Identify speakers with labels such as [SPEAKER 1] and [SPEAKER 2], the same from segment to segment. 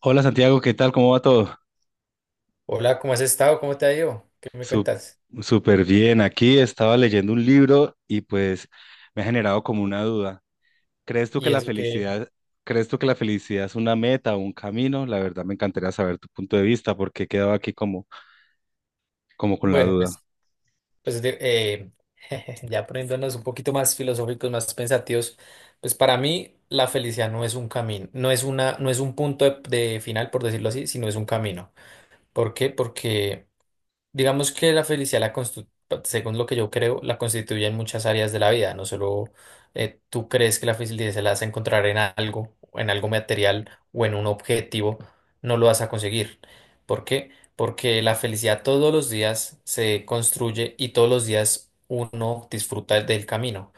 [SPEAKER 1] Hola Santiago, ¿qué tal? ¿Cómo va todo?
[SPEAKER 2] Hola, ¿cómo has estado? ¿Cómo te ha ido? ¿Qué me
[SPEAKER 1] Su-
[SPEAKER 2] cuentas?
[SPEAKER 1] Súper bien. Aquí estaba leyendo un libro y pues me ha generado como una duda. ¿Crees tú que
[SPEAKER 2] Y
[SPEAKER 1] la
[SPEAKER 2] eso que,
[SPEAKER 1] felicidad, crees tú que la felicidad es una meta o un camino? La verdad me encantaría saber tu punto de vista porque he quedado aquí como, como con la
[SPEAKER 2] bueno,
[SPEAKER 1] duda.
[SPEAKER 2] pues, ya poniéndonos un poquito más filosóficos, más pensativos, pues para mí la felicidad no es un camino, no es un punto de final, por decirlo así, sino es un camino. ¿Por qué? Porque digamos que la felicidad, según lo que yo creo, la constituye en muchas áreas de la vida. No solo tú crees que la felicidad se la vas a encontrar en algo, o en algo material o en un objetivo, no lo vas a conseguir. ¿Por qué? Porque la felicidad todos los días se construye y todos los días uno disfruta del camino.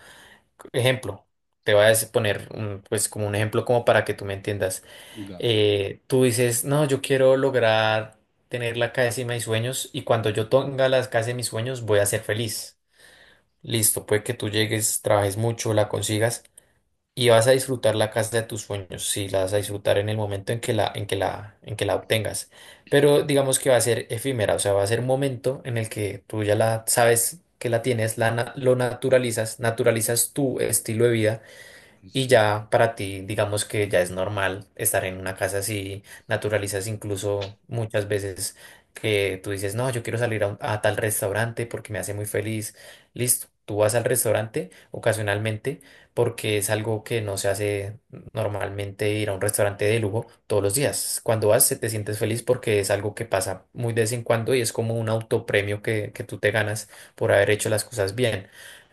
[SPEAKER 2] Ejemplo, te voy a poner un, pues como un ejemplo como para que tú me entiendas.
[SPEAKER 1] Ya,
[SPEAKER 2] Eh, tú dices, no, yo quiero lograr tener la casa de mis sueños y cuando yo tenga la casa de mis sueños voy a ser feliz. Listo, puede que tú llegues, trabajes mucho, la consigas y vas a disfrutar la casa de tus sueños, si la vas a disfrutar en el momento en que la, en que la obtengas. Pero digamos que va a ser efímera, o sea, va a ser un momento en el que tú ya la sabes que la tienes, lo naturalizas, naturalizas tu estilo de vida y
[SPEAKER 1] sí,
[SPEAKER 2] ya para ti, digamos que ya es normal estar en una casa así, naturalizas incluso muchas veces que tú dices, no, yo quiero salir a tal restaurante porque me hace muy feliz. Listo, tú vas al restaurante ocasionalmente porque es algo que no se hace normalmente ir a un restaurante de lujo todos los días. Cuando vas, se te sientes feliz porque es algo que pasa muy de vez en cuando y es como un autopremio que tú te ganas por haber hecho las cosas bien.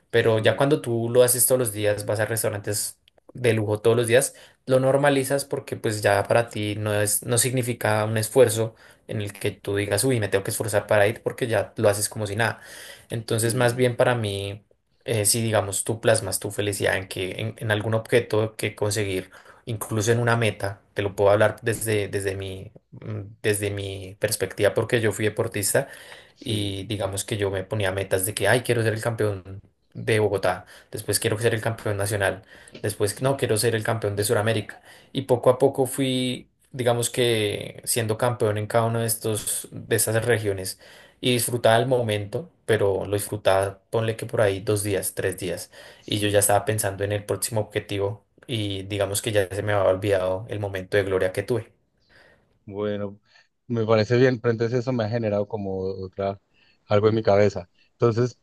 [SPEAKER 2] Pero ya
[SPEAKER 1] sí,
[SPEAKER 2] cuando tú lo haces todos los días, vas a restaurantes de lujo todos los días, lo normalizas porque pues ya para ti no es, no significa un esfuerzo en el que tú digas, uy, me tengo que esforzar para ir porque ya lo haces como si nada. Entonces, más bien
[SPEAKER 1] sí,
[SPEAKER 2] para mí, si digamos tú plasmas tu felicidad en en algún objeto que conseguir, incluso en una meta, te lo puedo hablar desde, desde mi perspectiva porque yo fui deportista
[SPEAKER 1] sí,
[SPEAKER 2] y digamos que yo me ponía metas de que, ay, quiero ser el campeón de Bogotá, después quiero ser el campeón nacional, después no,
[SPEAKER 1] sí,
[SPEAKER 2] quiero ser el campeón de Sudamérica. Y poco a poco fui, digamos que siendo campeón en cada una de de estas regiones y disfrutaba el momento, pero lo disfrutaba, ponle que por ahí dos días, tres días, y yo ya
[SPEAKER 1] sí.
[SPEAKER 2] estaba pensando en el próximo objetivo y digamos que ya se me había olvidado el momento de gloria que tuve.
[SPEAKER 1] Bueno, me parece bien, pero entonces eso me ha generado como otra, algo en mi cabeza. Entonces,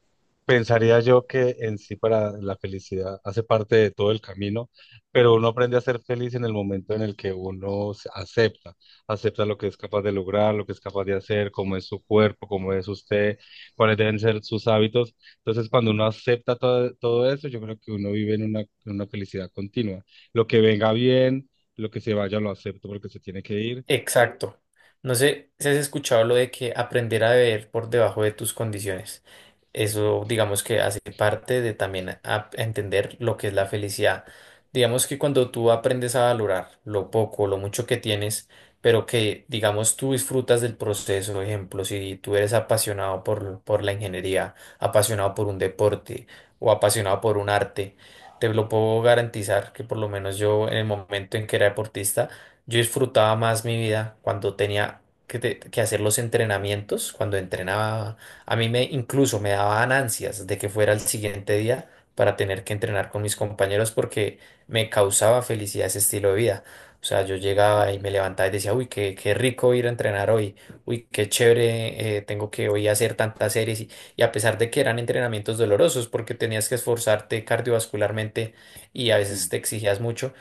[SPEAKER 1] pensaría yo que en sí para la felicidad hace parte de todo el camino, pero uno aprende a ser feliz en el momento en el que uno se acepta, acepta lo que es capaz de lograr, lo que es capaz de hacer, cómo es su cuerpo, cómo es usted, cuáles deben ser sus hábitos. Entonces, cuando uno acepta todo, todo eso, yo creo que uno vive en una felicidad continua. Lo que venga bien, lo que se vaya lo acepto porque se tiene que ir.
[SPEAKER 2] Exacto. No sé si has escuchado lo de que aprender a beber por debajo de tus condiciones. Eso,
[SPEAKER 1] Exacto.
[SPEAKER 2] digamos que hace parte de también a entender lo que es la felicidad. Digamos que cuando tú aprendes a valorar lo poco, lo mucho que tienes, pero que, digamos, tú disfrutas del proceso, por ejemplo, si tú eres apasionado por la ingeniería, apasionado por un deporte o apasionado por un arte, te lo puedo garantizar que por lo menos yo en el momento en que era deportista, yo disfrutaba más mi vida cuando tenía que hacer los entrenamientos, cuando entrenaba. A mí me incluso me daban ansias de que fuera el siguiente día para tener que entrenar con mis compañeros porque me causaba felicidad ese estilo de vida. O sea, yo llegaba y me levantaba y decía, uy, qué rico ir a entrenar hoy, uy, qué chévere, tengo que hoy hacer tantas series. Y a pesar de que eran entrenamientos dolorosos porque tenías que esforzarte cardiovascularmente y a veces
[SPEAKER 1] Sí,
[SPEAKER 2] te exigías mucho,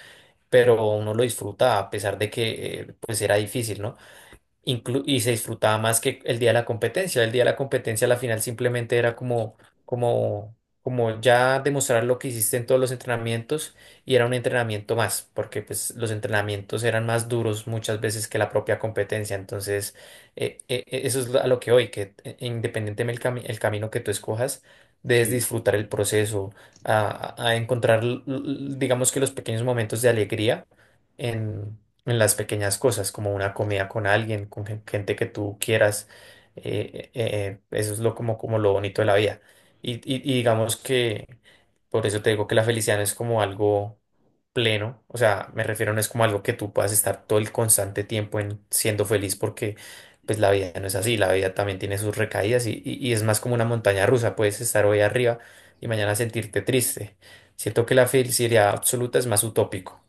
[SPEAKER 2] pero uno lo disfruta a pesar de que pues era difícil, ¿no? Y se disfrutaba más que el día de la competencia. El día de la competencia, la final simplemente era como, como, como ya demostrar lo que hiciste en todos los entrenamientos y era un entrenamiento más, porque pues los entrenamientos eran más duros muchas veces que la propia competencia. Entonces, eso es a lo que hoy, que independientemente del el camino que tú escojas, debes
[SPEAKER 1] sí,
[SPEAKER 2] disfrutar el proceso, a encontrar, digamos que los pequeños momentos de alegría en las pequeñas cosas, como una comida con alguien, con gente que tú quieras. Eso es lo, como, como lo bonito de la vida. Y digamos que por eso te digo que la felicidad no es como algo pleno, o sea, me refiero no es como algo que tú puedas estar todo el constante tiempo en siendo feliz porque pues la vida no es así, la vida también tiene sus recaídas y, y es más como una montaña rusa, puedes estar hoy arriba y mañana sentirte triste. Siento que la felicidad absoluta es más utópico.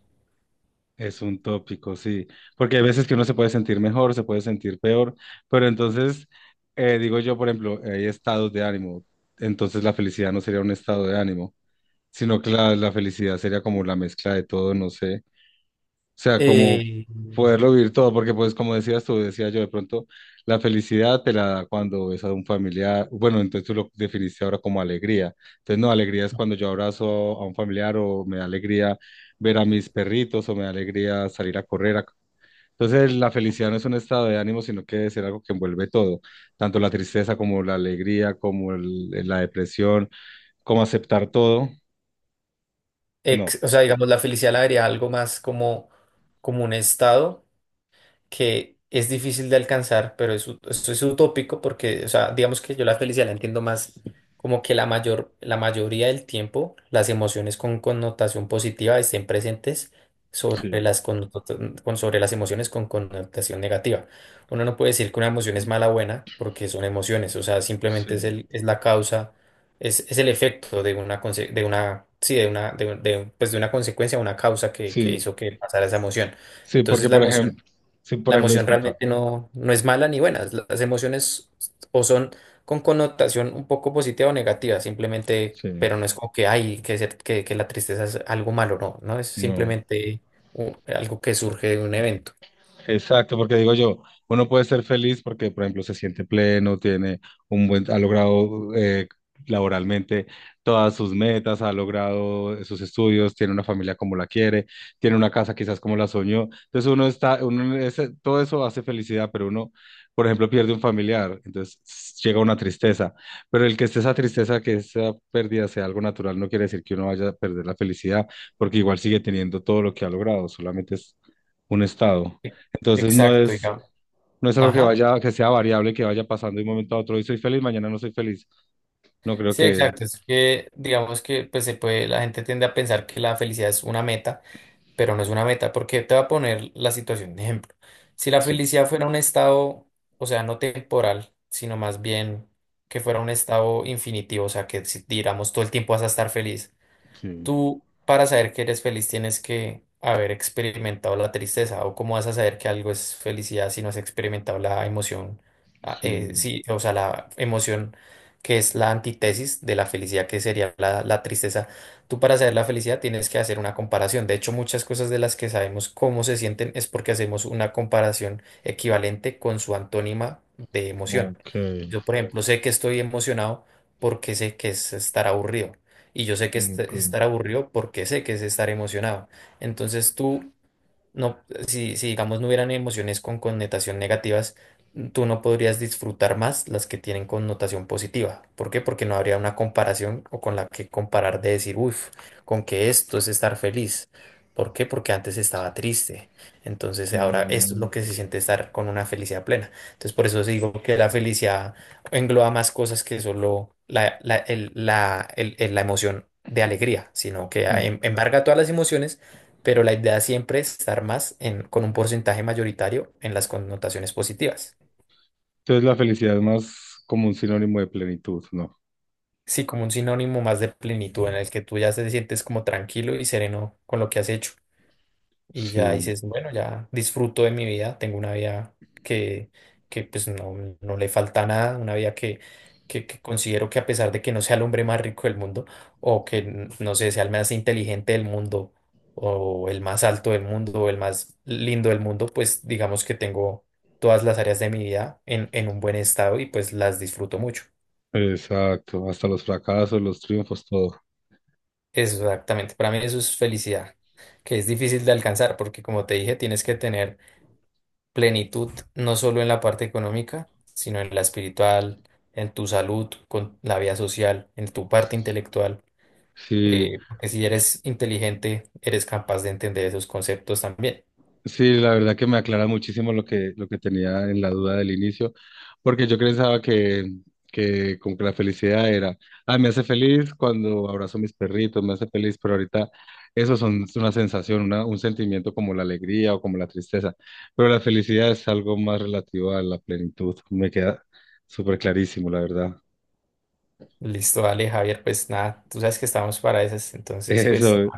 [SPEAKER 1] es un tópico, sí. Porque hay veces que uno se puede sentir mejor, se puede sentir peor, pero entonces, digo yo, por ejemplo, hay estados de ánimo, entonces la felicidad no sería un estado de ánimo, sino que la felicidad sería como la mezcla de todo, no sé. O sea, como
[SPEAKER 2] Eh,
[SPEAKER 1] poderlo vivir todo, porque pues como decías tú, decía yo, de pronto la felicidad te la da cuando ves a un familiar, bueno, entonces tú lo definiste ahora como alegría. Entonces, no, alegría es cuando yo abrazo a un familiar o me da alegría ver a mis perritos o me da alegría salir a correr. Entonces, la felicidad no es un estado de ánimo, sino que es algo que envuelve todo, tanto la tristeza como la alegría, como la depresión, como aceptar todo. No.
[SPEAKER 2] o sea, digamos, la felicidad la vería algo más como, como un estado que es difícil de alcanzar, pero es, esto es utópico porque, o sea, digamos que yo la felicidad la entiendo más como que la mayoría del tiempo las emociones con connotación positiva estén presentes sobre
[SPEAKER 1] Sí,
[SPEAKER 2] sobre las emociones con connotación negativa. Uno no puede decir que una emoción es mala o buena porque son emociones, o sea, simplemente es
[SPEAKER 1] sí,
[SPEAKER 2] el, es la causa, es el efecto de una, conse- de una, sí, de una, de un- pues de una consecuencia, una causa que
[SPEAKER 1] sí.
[SPEAKER 2] hizo que pasara esa emoción.
[SPEAKER 1] Sí,
[SPEAKER 2] Entonces
[SPEAKER 1] porque
[SPEAKER 2] la
[SPEAKER 1] por
[SPEAKER 2] emoción
[SPEAKER 1] ejemplo, sí, por
[SPEAKER 2] la
[SPEAKER 1] ejemplo,
[SPEAKER 2] emoción
[SPEAKER 1] disculpa.
[SPEAKER 2] realmente no, no es mala ni buena. Las emociones o son con connotación un poco positiva o negativa, simplemente,
[SPEAKER 1] Sí,
[SPEAKER 2] pero no es como que hay que ser que la tristeza es algo malo, no, no es
[SPEAKER 1] no.
[SPEAKER 2] simplemente algo que surge de un evento.
[SPEAKER 1] Exacto, porque digo yo, uno puede ser feliz porque, por ejemplo, se siente pleno, tiene un buen, ha logrado laboralmente todas sus metas, ha logrado sus estudios, tiene una familia como la quiere, tiene una casa quizás como la soñó. Entonces uno está, uno, todo eso hace felicidad, pero uno, por ejemplo, pierde un familiar, entonces llega una tristeza. Pero el que esté esa tristeza, que esa pérdida sea algo natural, no quiere decir que uno vaya a perder la felicidad, porque igual sigue teniendo todo lo que ha logrado, solamente es un estado.
[SPEAKER 2] E-
[SPEAKER 1] Entonces no
[SPEAKER 2] Exacto,
[SPEAKER 1] es,
[SPEAKER 2] digamos.
[SPEAKER 1] no es algo que
[SPEAKER 2] Ajá.
[SPEAKER 1] vaya, que sea variable, que vaya pasando de un momento a otro. Hoy soy feliz, mañana no soy feliz. No creo
[SPEAKER 2] Sí,
[SPEAKER 1] que.
[SPEAKER 2] exacto. Es que digamos que pues se puede, la gente tiende a pensar que la felicidad es una meta, pero no es una meta, porque te voy a poner la situación de ejemplo. Si la
[SPEAKER 1] Sí,
[SPEAKER 2] felicidad fuera un estado, o sea, no temporal, sino más bien que fuera un estado infinitivo, o sea, que si, digamos todo el tiempo vas a estar feliz,
[SPEAKER 1] sí,
[SPEAKER 2] tú, para saber que eres feliz, tienes que haber experimentado la tristeza. ¿O cómo vas a saber que algo es felicidad si no has experimentado la emoción?
[SPEAKER 1] sí.
[SPEAKER 2] Sí, o sea, la emoción que es la antítesis de la felicidad, que sería la tristeza. Tú, para saber la felicidad, tienes que hacer una comparación. De hecho, muchas cosas de las que sabemos cómo se sienten es porque hacemos una comparación equivalente con su antónima de emoción.
[SPEAKER 1] Ok,
[SPEAKER 2] Yo, por ejemplo, sé que estoy emocionado porque sé que es estar aburrido y yo sé que es
[SPEAKER 1] ok.
[SPEAKER 2] estar aburrido porque sé que es estar emocionado. Entonces tú no, si digamos no hubieran emociones con connotación negativas, tú no podrías disfrutar más las que tienen connotación positiva. ¿Por qué? Porque no habría una comparación o con la que comparar de decir, uff, con que esto es estar feliz. ¿Por qué? Porque antes estaba triste. Entonces ahora esto es
[SPEAKER 1] Mm,
[SPEAKER 2] lo que se siente estar con una felicidad plena. Entonces por eso digo que la felicidad engloba más cosas que solo la emoción de alegría, sino que
[SPEAKER 1] eh,
[SPEAKER 2] embarga todas las emociones, pero la idea siempre es estar más con un porcentaje mayoritario en las connotaciones positivas.
[SPEAKER 1] entonces la felicidad es más como un sinónimo de plenitud, ¿no?
[SPEAKER 2] Sí, como un sinónimo más de plenitud en el que tú ya te sientes como tranquilo y sereno con lo que has hecho. Y ya
[SPEAKER 1] Sí,
[SPEAKER 2] dices, bueno, ya disfruto de mi vida, tengo una vida que, que pues no, no le falta nada, una vida que considero que a pesar de que no sea el hombre más rico del mundo, o que no sé, sea el más inteligente del mundo, o el más alto del mundo, o el más lindo del mundo, pues digamos que tengo todas las áreas de mi vida en un buen estado y pues las disfruto mucho.
[SPEAKER 1] exacto. Hasta los fracasos, los triunfos, todo.
[SPEAKER 2] Exactamente, para mí eso es felicidad, que es difícil de alcanzar porque como te dije, tienes que tener plenitud, no solo en la parte económica, sino en la espiritual, en tu salud, con la vida social, en tu parte intelectual.
[SPEAKER 1] Sí,
[SPEAKER 2] Porque si eres inteligente, eres capaz de entender esos conceptos también.
[SPEAKER 1] sí, la verdad que me aclara muchísimo lo que tenía en la duda del inicio, porque yo pensaba que como que la felicidad era, ah, me hace feliz cuando abrazo a mis perritos, me hace feliz, pero ahorita eso son, es una sensación, un sentimiento como la alegría o como la tristeza, pero la felicidad es algo más relativo a la plenitud, me queda súper clarísimo, la verdad.
[SPEAKER 2] Listo, dale, Javier, pues nada, tú sabes que estamos para esas, entonces pues
[SPEAKER 1] Eso,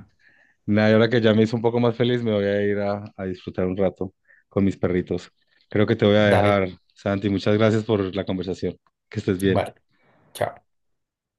[SPEAKER 1] nada, y ahora que ya me hizo un poco más feliz, me voy a ir a disfrutar un rato con mis perritos. Creo que te voy a
[SPEAKER 2] dale,
[SPEAKER 1] dejar, Santi. Muchas gracias por la conversación. Que estés bien.
[SPEAKER 2] vale, chao.